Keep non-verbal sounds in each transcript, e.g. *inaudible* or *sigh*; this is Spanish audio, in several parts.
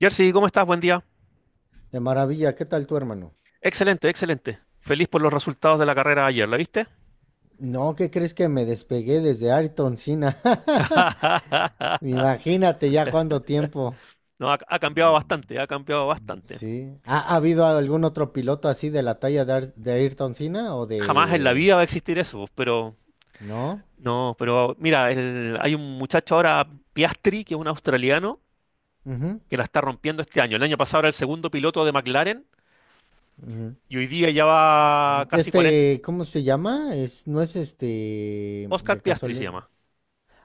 Jersey, ¿cómo estás? Buen día. De maravilla, ¿qué tal tu hermano? Excelente, excelente. Feliz por los resultados de la carrera de ayer, ¿la viste? No, ¿qué crees que me despegué desde Ayrton Senna? *laughs* *laughs* Imagínate ya cuánto tiempo. No, ha cambiado bastante, ha cambiado bastante. Sí. ¿Ha habido algún otro piloto así de la talla de Ayrton Senna o Jamás en la de... vida va a existir eso, pero ¿No? no, pero mira, hay un muchacho ahora, Piastri, que es un australiano, Ujú, que la está rompiendo este año. El año pasado era el segundo piloto de McLaren ujú. y hoy día ya va casi 40. Este, ¿cómo se llama? Es, no es este de Oscar Piastri se casualidad. llama.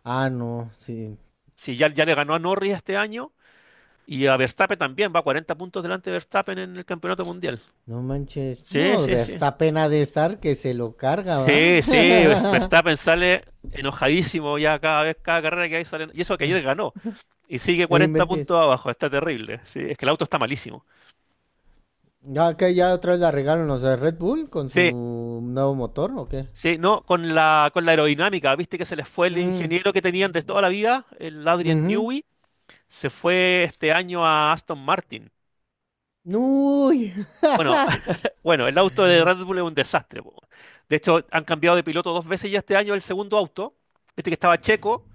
Ah, no, sí. Sí, ya le ganó a Norris este año y a Verstappen también, va 40 puntos delante de Verstappen en el campeonato mundial. No manches. Sí, No, sí, sí. Verstappen ha de estar que se lo carga, ¿va? Sí, sí, *laughs* Verstappen sale enojadísimo ya cada vez, cada carrera que hay sale. Y eso que ayer ganó. Y sigue No 40 inventes. puntos abajo, está terrible. Sí, es que el auto está malísimo. ¿Ya que ya otra vez la regaron los de Red Bull con Sí, su nuevo motor o qué? sí, no, con la aerodinámica, viste que se les fue el Mm, ingeniero que tenían de toda la vida, el Adrian ujú. Newey, se fue este año a Aston Martin. Uy. Bueno, *laughs* bueno, el auto de Red Bull es un desastre, po. De hecho, han cambiado de piloto dos veces ya este año el segundo auto. Este que estaba Checo,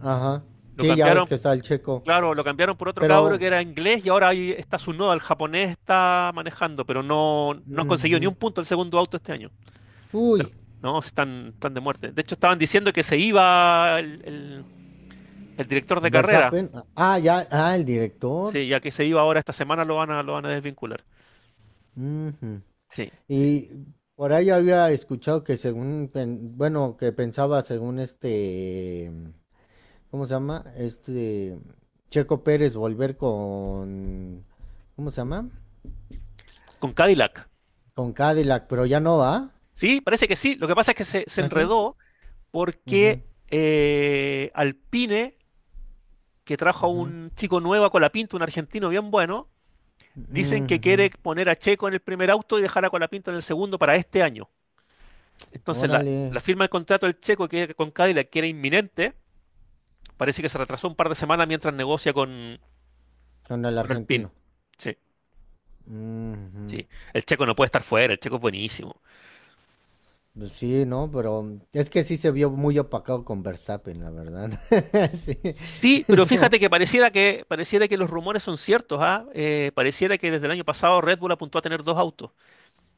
Ajá. lo Sí, ya ves cambiaron. que está el Checo. Claro, lo cambiaron por otro cabro Pero. que era inglés y ahora ahí está su nodo, el japonés está manejando, pero no, no han conseguido ni Ujú. un punto el segundo auto este año. De- Uy. No, están de muerte. De hecho, estaban diciendo que se iba el director de carrera. Verstappen. Ah, ya. Ah, el director. Sí, ya que se iba ahora esta semana lo van a, desvincular. Ujú. Sí, sí. Y por ahí había escuchado que según, bueno, que pensaba según este. ¿Cómo se llama? Este. Checo Pérez volver con. ¿Cómo se llama? Con Cadillac. Con Cadillac, pero ya no va. Sí, parece que sí. Lo que pasa es que se ¿Así? enredó Ujú, porque Alpine, que trajo a ujú, un chico nuevo a Colapinto, un argentino bien bueno, dicen que ujú. quiere poner a Checo en el primer auto y dejar a Colapinto en el segundo para este año. Entonces, Órale, la firma del contrato del Checo que, con Cadillac, que era inminente, parece que se retrasó un par de semanas mientras negocia con, con el Alpine. argentino. Sí, Ujú. sí. El Checo no puede estar fuera, el Checo es buenísimo. Pues sí, ¿no? Pero es que sí se vio muy opacado con Verstappen, la verdad. *laughs* Sí, Sí, pero *laughs* no. fíjate que pareciera que los rumores son ciertos, ¿ah? Pareciera que desde el año pasado Red Bull apuntó a tener dos autos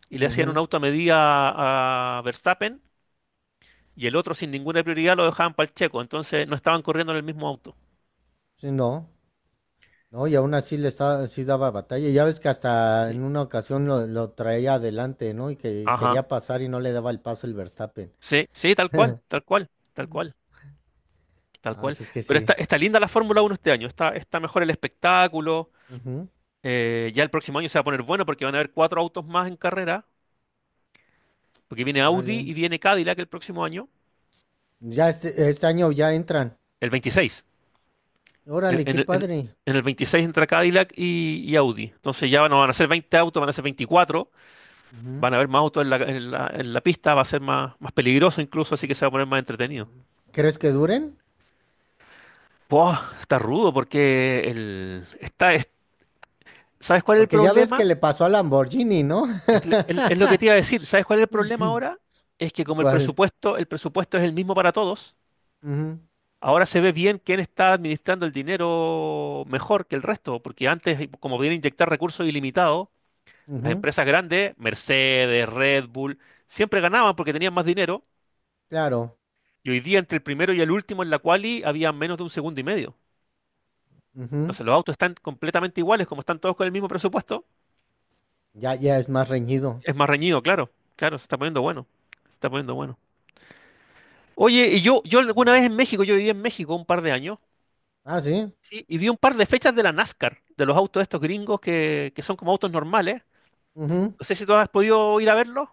y le hacían un Ujú. auto a medida a, Verstappen y el otro sin ninguna prioridad lo dejaban para el Checo, entonces no estaban corriendo en el mismo auto. Sí, no. No, y aún así le estaba, sí daba batalla. Ya ves que hasta Sí. en una ocasión lo traía adelante, ¿no? Y que Ajá. quería pasar y no le daba el paso el Verstappen. Sí, sí, tal cual, tal cual, tal Ujú. cual, tal Ah, cual. sí, es que Pero está, sí. está linda la Fórmula Uno este año, está mejor el espectáculo. Ujú. Ya el próximo año se va a poner bueno porque van a haber cuatro autos más en carrera, porque viene Audi Órale. y viene Cadillac el próximo año, Ya este año ya entran. el 26. En, Órale, en qué el en- padre. en el 26 entra Cadillac y, Audi. Entonces ya no van a ser 20 autos, van a ser 24. Ujú. Van a haber más autos en la pista, va a ser más peligroso incluso, así que se va a poner más entretenido. ¿Crees que duren? Buah, está rudo porque el, está, es- ¿sabes cuál es el Porque ya ves que problema? le pasó a Lamborghini, ¿no? Es lo que te iba a *laughs* decir. ¿Sabes cuál es el problema ahora? Es que como el ¿Cuál? presupuesto, el presupuesto es el mismo para todos, Ujú, ahora se ve bien quién está administrando el dinero mejor que el resto, porque antes, como viene a inyectar recursos ilimitados, las ujú. empresas grandes, Mercedes, Red Bull, siempre ganaban porque tenían más dinero, Claro. y hoy día entre el primero y el último en la quali había menos de un segundo y medio. Ujú. Entonces los autos están completamente iguales, como están todos con el mismo presupuesto, Ya, ya es más reñido. es más reñido, claro. Claro, se está poniendo bueno. Se está poniendo bueno. Oye, y yo alguna vez en México, yo viví en México un par de años, Ah, sí. sí, y vi un par de fechas de la NASCAR, de los autos estos gringos que son como autos normales. Ujú. No sé si tú has podido ir a verlos.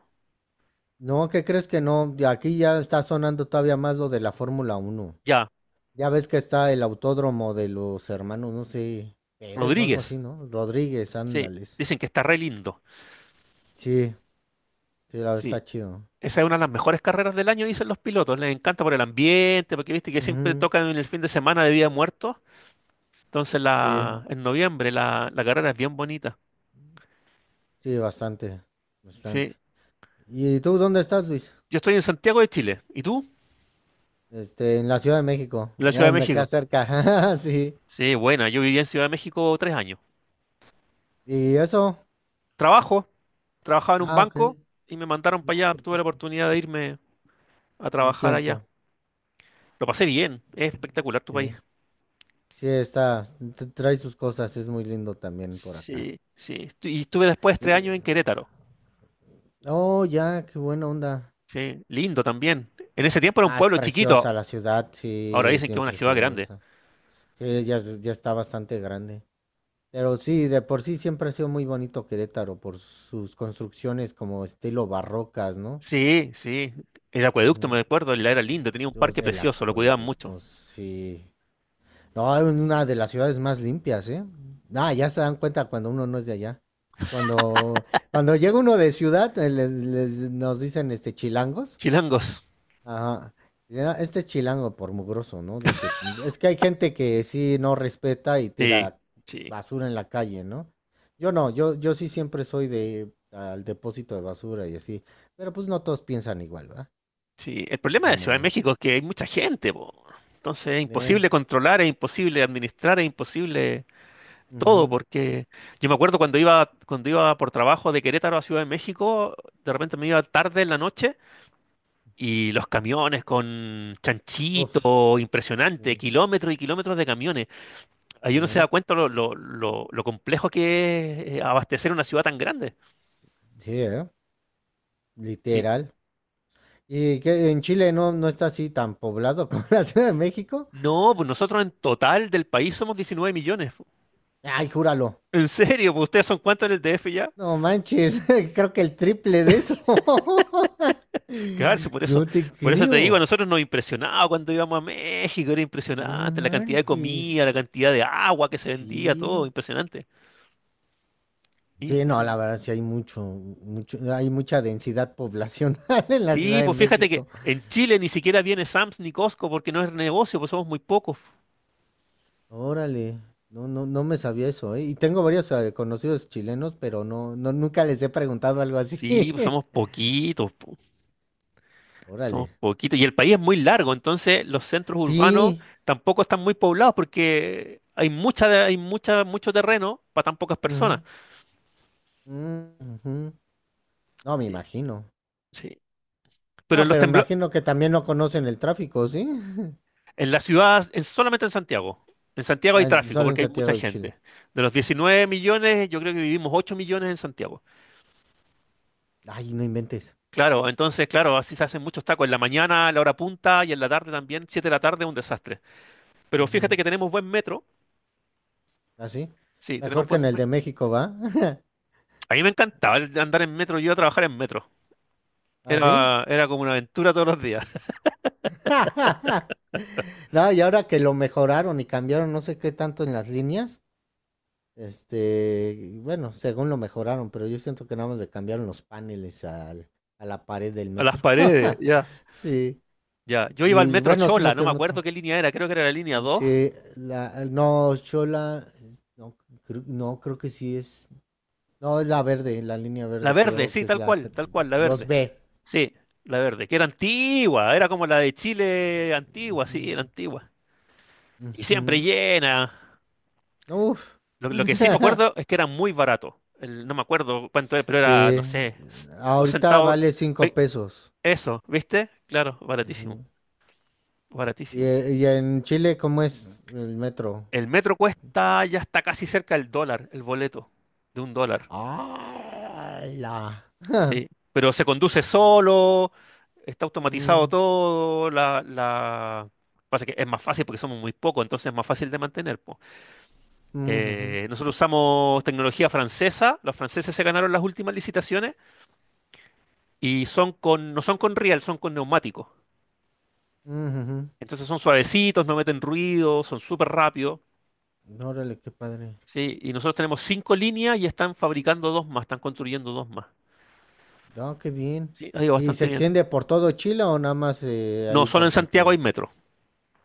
No, ¿qué crees que no? De aquí ya está sonando todavía más lo de la Fórmula Uno. Ya, Ya ves que está el autódromo de los hermanos, no sé, Pérez o algo Rodríguez, así, ¿no? Rodríguez, sí, ándale. Sí, dicen que está re lindo. sí, sí, la verdad Sí, está chido. esa es una de las mejores carreras del año, dicen los pilotos. Les encanta por el ambiente, porque viste que siempre tocan en el fin de semana de Día de Muertos. Entonces, Sí, en noviembre la carrera es bien bonita. sí, bastante, Sí, bastante. ¿Y tú dónde estás, Luis? yo estoy en Santiago de Chile. ¿Y tú? Este, en la Ciudad de México. En la Ciudad Ah, de me queda México. cerca. *laughs* Sí. Sí, buena, yo viví en Ciudad de México 3 años. ¿Y eso? Trabajo, trabajaba en un Ah, ok. banco y me mandaron para No, allá. Tuve la perfecto. oportunidad de irme a Un trabajar allá. tiempo. Lo pasé bien, es espectacular tu país. Sí. Sí, está. Trae sus cosas. Es muy lindo también por acá. Sí, sí. Y estuve después tres Y, años en Querétaro. oh, ya, qué buena onda. Sí, lindo también. En ese tiempo era un Ah, es pueblo chiquito, preciosa la ciudad. ahora Sí, es dicen que es bien una ciudad grande. preciosa. Sí, ya, ya está bastante grande. Pero sí, de por sí siempre ha sido muy bonito Querétaro por sus construcciones como estilo barrocas, ¿no? Sí, sí. El acueducto, Ujú. me acuerdo, la era lindo, tenía un O parque sea, el precioso, lo cuidaban mucho. acueducto, sí. No, es una de las ciudades más limpias, ¿eh? Ah, ya se dan cuenta cuando uno no es de allá. Cuando, cuando llega uno de ciudad, nos dicen este chilangos. Chilangos. Ajá. Y era este es chilango por mugroso, ¿no? De que es que hay gente que sí no respeta y Sí, tira sí, basura en la calle, ¿no? Yo no, yo sí siempre soy de al depósito de basura y así. Pero pues no todos piensan igual, ¿verdad? sí. El problema No de Ciudad de mames. México es que hay mucha gente, po. Entonces es Eh, imposible controlar, es imposible administrar, es imposible todo, Ujú. porque yo me acuerdo cuando iba por trabajo de Querétaro a Ciudad de México, de repente me iba tarde en la noche y los camiones con Uf, chanchito, impresionante, sí. kilómetros y kilómetros de camiones. A Ahí uno se da ver. cuenta lo complejo que es abastecer una ciudad tan grande. Sí, ¿eh? Sí. Literal. ¿Y que en Chile no, no está así tan poblado como *laughs* la Ciudad de México? No, pues nosotros en total del país somos 19 millones. Ay, júralo. ¿En serio? ¿Pues ustedes son cuántos en el DF ya? No manches, *laughs* creo que el triple de eso. *laughs* Claro, sí, No te por eso te digo, a creo. nosotros nos impresionaba cuando íbamos a México, era No impresionante la cantidad de manches. comida, la cantidad de agua que se vendía, todo, Sí. impresionante. Sí, no, la Impresionante. verdad sí hay mucho, mucho, hay mucha densidad poblacional *laughs* en la Ciudad Sí, de pues fíjate que México. en Chile ni siquiera viene Sam's ni Costco porque no es negocio, pues somos muy pocos. Órale. No, no, no me sabía eso, ¿eh? Y tengo varios conocidos chilenos, pero no, no, nunca les he preguntado algo así. Sí, pues *laughs* somos poquitos, po, Órale. somos poquitos. Y el país es muy largo, entonces los centros urbanos Sí. tampoco están muy poblados porque hay mucha, hay mucha, mucho terreno para tan pocas personas. Ujú, mm, ujú. No, me Sí, imagino. sí. Pero No, en los pero temblores. imagino que también no conocen el tráfico, ¿sí? *laughs* En la ciudad, solamente en Santiago. En Santiago hay Ah, en- tráfico Solo en porque hay mucha Santiago de Chile. gente. De los 19 millones, yo creo que vivimos 8 millones en Santiago. Ay, no inventes. Claro, entonces, claro, así se hacen muchos tacos. En la mañana, a la hora punta y en la tarde también. 7 de la tarde, un desastre. Pero fíjate que tenemos buen metro. Así. Sí, tenemos Mejor que en el de México, ¿va? *laughs* a mí me encantaba andar en metro. Yo iba a trabajar en metro. Así. Era como una aventura todos los días. *laughs* *laughs* No, y ahora que lo mejoraron y cambiaron no sé qué tanto en las líneas, este, bueno, según lo mejoraron, pero yo siento que nada más le cambiaron los paneles al, a la pared del A las metro. paredes, ya. *laughs* Sí. Ya, yo iba al Y metro bueno, sí Chola, no me metieron acuerdo otro. qué línea era, creo que era la línea 2. Sí, la, no, Chola, no, no, creo que sí es. No, es la verde, la línea La verde, verde, creo que sí, es la tal cual, la verde. 2B. Sí, la verde, que era antigua, era como la de Chile antigua, sí, Ujú, era antigua. Y siempre ujú. llena. Uf. Lo que sí me *laughs* acuerdo es que era muy barato. No me acuerdo cuánto era, pero era, no Sí. sé, dos Ahorita centavos. vale cinco Ve- pesos. Eso, ¿viste? Claro, baratísimo, Ujú. Y, baratísimo. eh, y en Chile, ¿cómo es el metro? El metro cuesta, ya está casi cerca el dólar, el boleto, de un dólar. ¡Hala! Sí, pero se conduce solo, está automatizado Mm, todo, pasa que es más fácil porque somos muy pocos, entonces es más fácil de mantener, po. mm, ujú, Nosotros usamos tecnología francesa, los franceses se ganaron las últimas licitaciones y no son con riel, son con neumáticos. mm, Entonces son suavecitos, no meten ruido, son súper rápidos, ujú. Órale, qué padre. ¿sí? Y nosotros tenemos cinco líneas y están construyendo dos más. No, qué bien. Sí, ha ido ¿Y se bastante bien. extiende por todo Chile o nada más No, ahí solo por en Santiago hay Santiago? metro,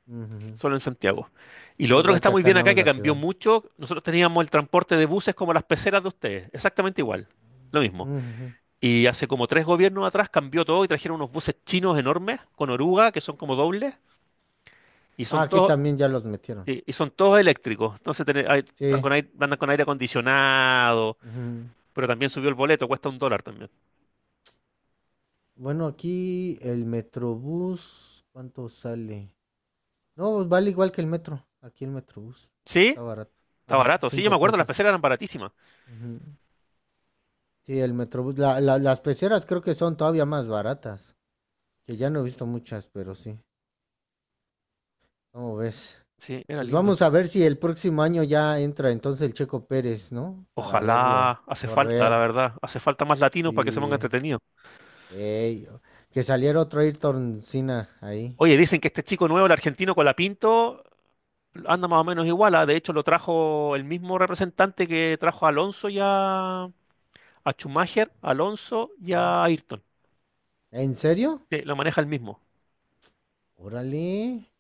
Mm, ujú. solo en Santiago. Y Sí, lo otro que igual está que muy acá bien nada acá, más que la cambió ciudad. mucho, nosotros teníamos el transporte de buses como las peceras de ustedes, exactamente igual, lo Mm, mismo. ujú. Y hace como tres gobiernos atrás cambió todo y trajeron unos buses chinos enormes con oruga que son como dobles y Ah, son aquí todos, también ya los metieron. sí, y son todos eléctricos. Entonces están Sí. con aire, andan con aire acondicionado, pero también subió el boleto, cuesta un dólar también. Bueno, aquí el Metrobús, ¿cuánto sale? No, pues vale igual que el metro. Aquí el Metrobús. Sí, Está barato. está Ajá, barato. Sí, yo me cinco acuerdo, las pesos. peceras eran baratísimas. Ujú. Sí, el Metrobús. Las peceras creo que son todavía más baratas. Que ya no he visto muchas, pero sí. ¿Cómo ves? Sí, era Pues lindo. vamos a ver si el próximo año ya entra entonces el Checo Pérez, ¿no? Para verlo Ojalá, hace falta, la correr. verdad, hace falta más latinos para que se ponga Sí. entretenido. Ey, que saliera otro Ayrton Senna ahí. Oye, dicen que este chico nuevo, el argentino con la Pinto, anda más o menos igual. De hecho, lo trajo el mismo representante que trajo a Alonso ya a Schumacher, a Alonso y ¿No? a Ayrton. ¿En serio? Sí, lo maneja el mismo. Órale.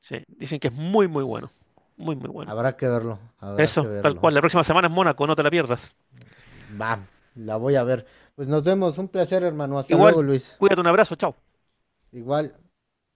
Sí, dicen que es muy, muy bueno. Muy, muy bueno. Habrá que verlo, habrá que Eso, tal cual. verlo. La próxima semana es Mónaco, no te la pierdas. Va, la voy a ver. Pues nos vemos, un placer, hermano. Hasta Igual, luego, Luis. cuídate, un abrazo, chao. Igual.